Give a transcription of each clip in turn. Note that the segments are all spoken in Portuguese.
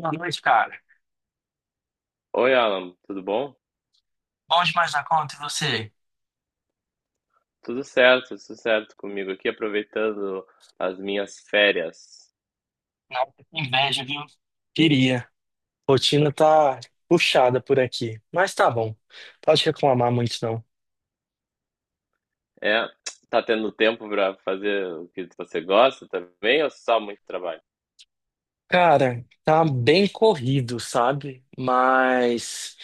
Boa noite, cara. Oi, Alan, tudo bom? Bom demais na conta, e você? Tudo certo comigo aqui, aproveitando as minhas férias. Nada, inveja, viu? Queria. Rotina tá puxada por aqui, mas tá bom. Pode reclamar muito, não. É, tá tendo tempo para fazer o que você gosta também ou só muito trabalho? Cara, tá bem corrido, sabe? Mas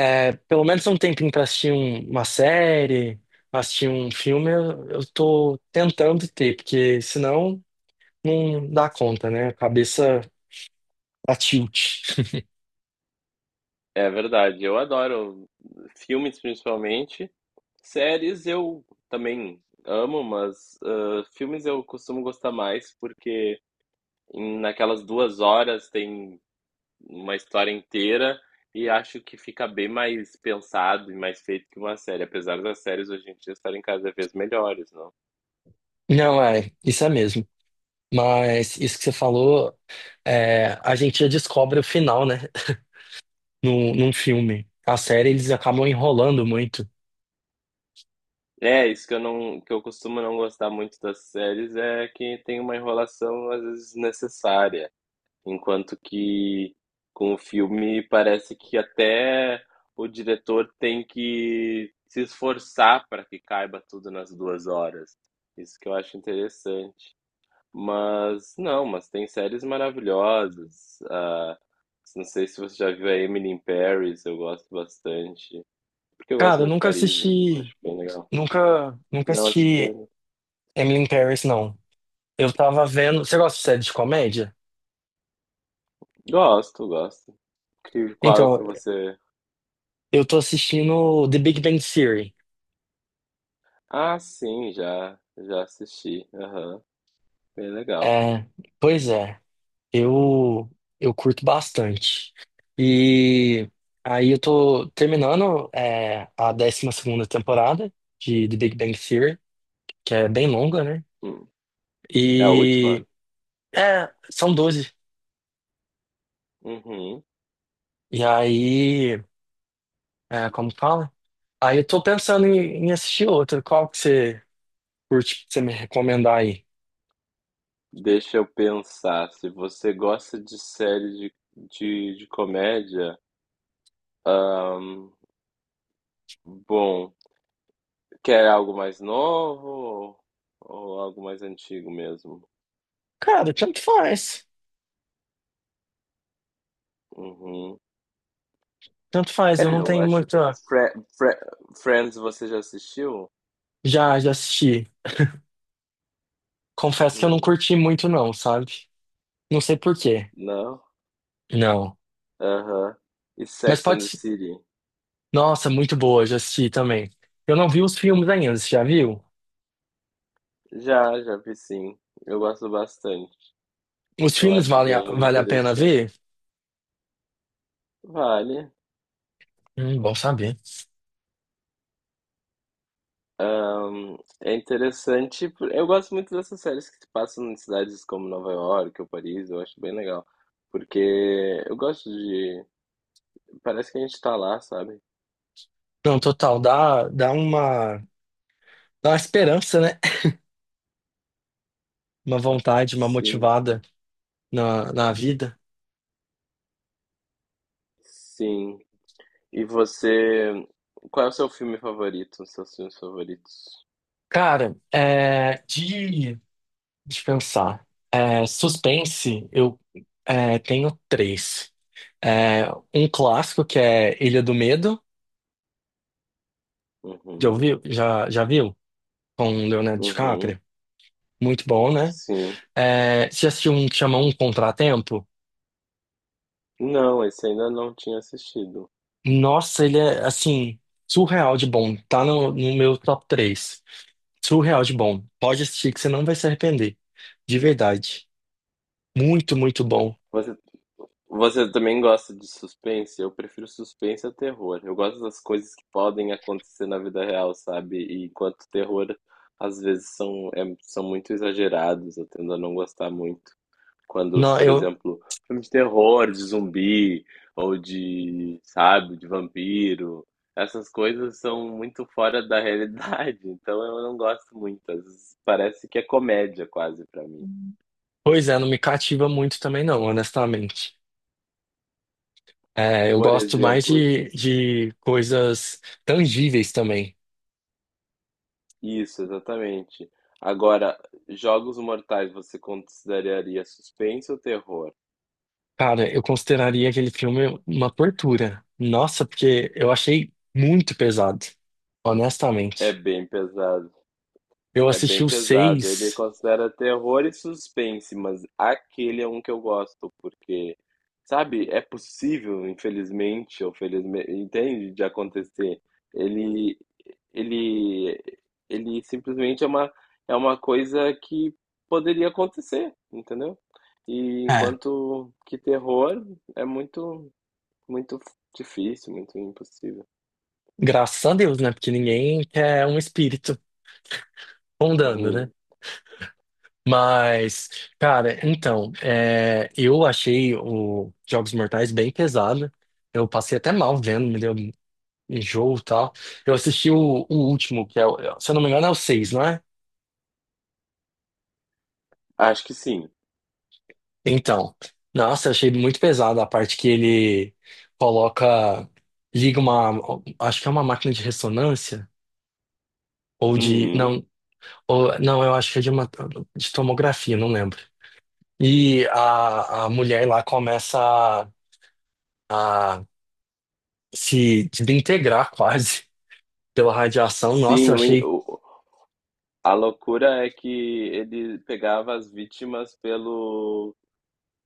é, pelo menos um tempinho pra assistir uma série, assistir um filme, eu tô tentando ter, porque senão não dá conta, né? A cabeça tá tilt. É verdade, eu adoro filmes principalmente. Séries eu também amo, mas filmes eu costumo gostar mais porque naquelas 2 horas tem uma história inteira e acho que fica bem mais pensado e mais feito que uma série, apesar das séries hoje em dia estarem cada vez melhores, não? Não, é, isso é mesmo. Mas isso que você falou, é, a gente já descobre o final, né? Num filme. A série eles acabam enrolando muito. É, isso que eu costumo não gostar muito das séries é que tem uma enrolação às vezes desnecessária, enquanto que com o filme parece que até o diretor tem que se esforçar para que caiba tudo nas 2 horas. Isso que eu acho interessante. Mas não, mas tem séries maravilhosas. Não sei se você já viu a Emily in Paris, eu gosto bastante. Porque eu gosto Cara, eu muito de nunca Paris, então eu assisti. acho bem legal. Nunca, nunca Não assisti assistiu? Emily in Paris, não. Eu tava vendo. Você gosta de série de comédia? Gosto, gosto. Qual Então, que você. eu tô assistindo The Big Bang Theory. Ah, sim, já assisti. Aham, bem legal. É, pois é, eu eu curto bastante. E aí eu tô terminando é, a 12ª temporada de The Big Bang Theory, que é bem longa, né? Hum. É a última? E é, são 12. Uhum. E aí, é, como que fala? Aí eu tô pensando em assistir outra. Qual que você curte que você me recomendar aí? Deixa eu pensar. Se você gosta de série de comédia, ahn, bom. Quer algo mais novo ou algo mais antigo mesmo? Cara, tanto faz. Uhum. Tanto faz, eu É, não eu tenho acho que muita. Fre Fre Friends você já assistiu? Já, já assisti. Confesso que eu não Hum, curti muito, não, sabe? Não sei por quê. não? Não. Aham. E Mas Sex pode. and the City? Nossa, muito boa, já assisti também. Eu não vi os filmes ainda, você já viu? Já vi sim. Eu gosto bastante. Os Eu filmes acho valem bem vale a pena interessante. ver? Vale. Bom saber. Ahn, É interessante. Eu gosto muito dessas séries que se passam em cidades como Nova York ou Paris. Eu acho bem legal. Porque eu gosto de. Parece que a gente tá lá, sabe? Não, total, dá uma esperança, né? Uma vontade, uma Sim, motivada na vida. sim. E você, qual é o seu filme favorito? Os seus filmes favoritos? Cara, é, de pensar, é, suspense, eu é, tenho três. É, um clássico que é Ilha do Medo, já Uhum, ouviu? Já, já viu? Com o Leonardo uhum, DiCaprio. Muito bom, né? sim. É, você já assistiu um que chama Um Contratempo? Não, esse ainda não tinha assistido. Nossa, ele é, assim, surreal de bom. Tá no meu top três. Surreal de bom. Pode assistir que você não vai se arrepender. De verdade. Muito, muito bom. Você, você também gosta de suspense? Eu prefiro suspense a terror. Eu gosto das coisas que podem acontecer na vida real, sabe? E enquanto terror, às vezes são muito exagerados, eu tendo a não gostar muito. Quando, Não, por eu, exemplo, filmes de terror, de zumbi, ou de, sabe, de vampiro, essas coisas são muito fora da realidade, então eu não gosto muito. Às vezes parece que é comédia quase pra mim. pois é, não me cativa muito também não, honestamente. É, eu Por gosto mais exemplo, de coisas tangíveis também. isso, exatamente. Agora, Jogos Mortais você consideraria suspense ou terror? Cara, eu consideraria aquele filme uma tortura. Nossa, porque eu achei muito pesado, É honestamente. bem pesado. Eu É assisti bem os pesado. Ele seis, considera terror e suspense, mas aquele é um que eu gosto, porque, sabe, é possível, infelizmente, ou felizmente, entende, de acontecer. Ele, ele, ele simplesmente é uma coisa que poderia acontecer, entendeu? E é, enquanto que terror é muito, muito difícil, muito impossível. graças a Deus, né? Porque ninguém quer um espírito rondando, né? Uhum. Mas, cara, então, é, eu achei o Jogos Mortais bem pesado. Eu passei até mal vendo, me deu um enjoo e tal. Eu assisti o último, que é, se eu não me engano, é o seis, não é? Acho que sim. Então, nossa, eu achei muito pesado a parte que ele coloca, liga uma, acho que é uma máquina de ressonância ou de, Uhum. não, ou, não, eu acho que é de uma, de tomografia, não lembro. E a mulher lá começa a se desintegrar quase pela radiação. Nossa, Sim. eu achei A loucura é que ele pegava as vítimas pelo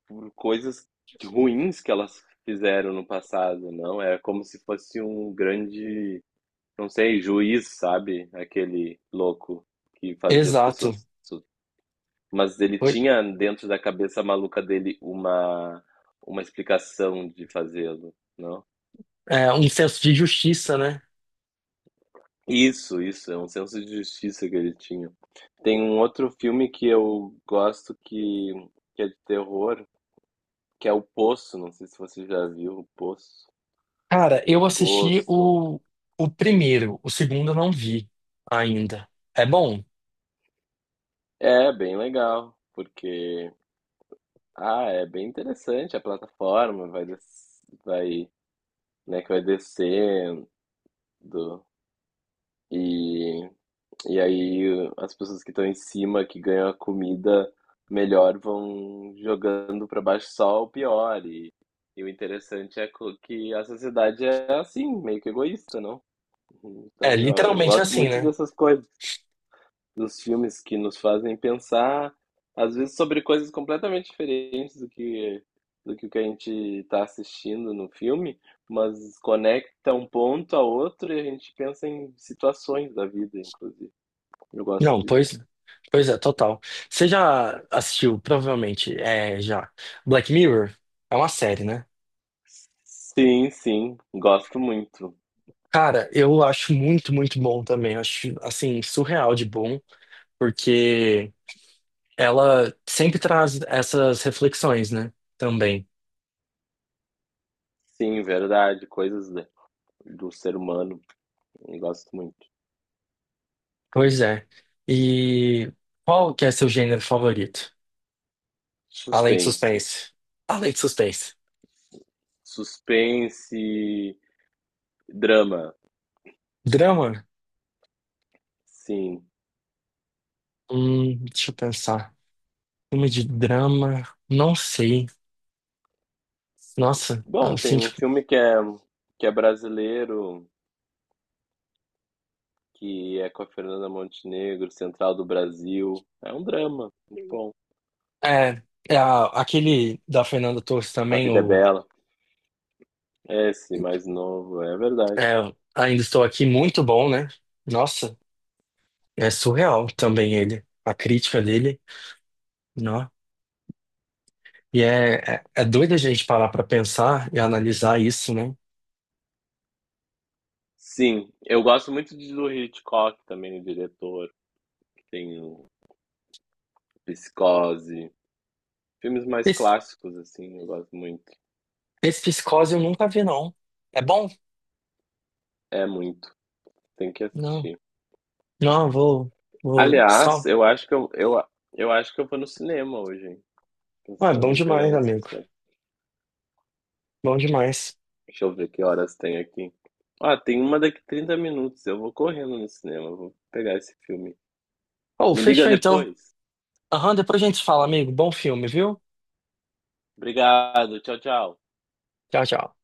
por coisas ruins que elas fizeram no passado, não? É como se fosse um grande, não sei, juiz, sabe? Aquele louco que fazia as exato. pessoas. Mas ele Foi, tinha dentro da cabeça maluca dele uma explicação de fazê-lo, não? é, um senso de justiça, né? Isso, é um senso de justiça que ele tinha. Tem um outro filme que eu gosto que é de terror, que é o Poço, não sei se você já viu o Poço. Cara, O eu assisti Poço. o primeiro, o segundo eu não vi ainda. É bom? É bem legal, porque é bem interessante a plataforma, vai, né, que vai descendo e e aí as pessoas que estão em cima que ganham a comida melhor vão jogando para baixo só o pior e o interessante é que a sociedade é assim, meio que egoísta, não? É, Então eu literalmente gosto assim, muito né? dessas coisas, dos filmes que nos fazem pensar, às vezes, sobre coisas completamente diferentes do que o que a gente está assistindo no filme, mas conecta um ponto a outro e a gente pensa em situações da vida, inclusive. Eu gosto Não, disso. pois é, total. Você já assistiu, provavelmente, é, já, Black Mirror? É uma série, né? Sim, sim, gosto muito. Cara, eu acho muito, muito bom também. Eu acho, assim, surreal de bom, porque ela sempre traz essas reflexões, né? Também. Sim, verdade, coisas do ser humano, eu gosto muito. Pois é. E qual que é seu gênero favorito? Além de Suspense. suspense. Além de suspense. Suspense, drama, Drama? sim. Deixa eu pensar. Filme de drama? Não sei. Nossa, Bom, assim, tem um tipo, filme que é, brasileiro, que é com a Fernanda Montenegro, Central do Brasil. É um drama, muito bom. é, é aquele da Fernanda Torres A também, Vida é o Bela, é esse mais novo, é verdade. é, Ainda Estou Aqui, muito bom, né? Nossa, é surreal também ele, a crítica dele, não? E é doido a gente parar pra pensar e analisar isso, né? Sim, eu gosto muito do Hitchcock também, o diretor, que tem o Psicose. Filmes mais Esse, clássicos, assim, eu gosto muito. esse Psicose eu nunca vi, não. É bom? É muito, tem que Não, assistir. não, vou Aliás, só. eu acho que eu vou no cinema hoje, hein? Ah, é bom Pensando em pegar demais, uma amigo, sessão. bom demais. Deixa eu ver que horas tem aqui. Ah, tem uma daqui 30 minutos. Eu vou correndo no cinema, vou pegar esse filme. Oh, Me liga fechou então. depois. Aham, depois a gente fala, amigo, bom filme, viu? Obrigado, tchau, tchau. Tchau, tchau.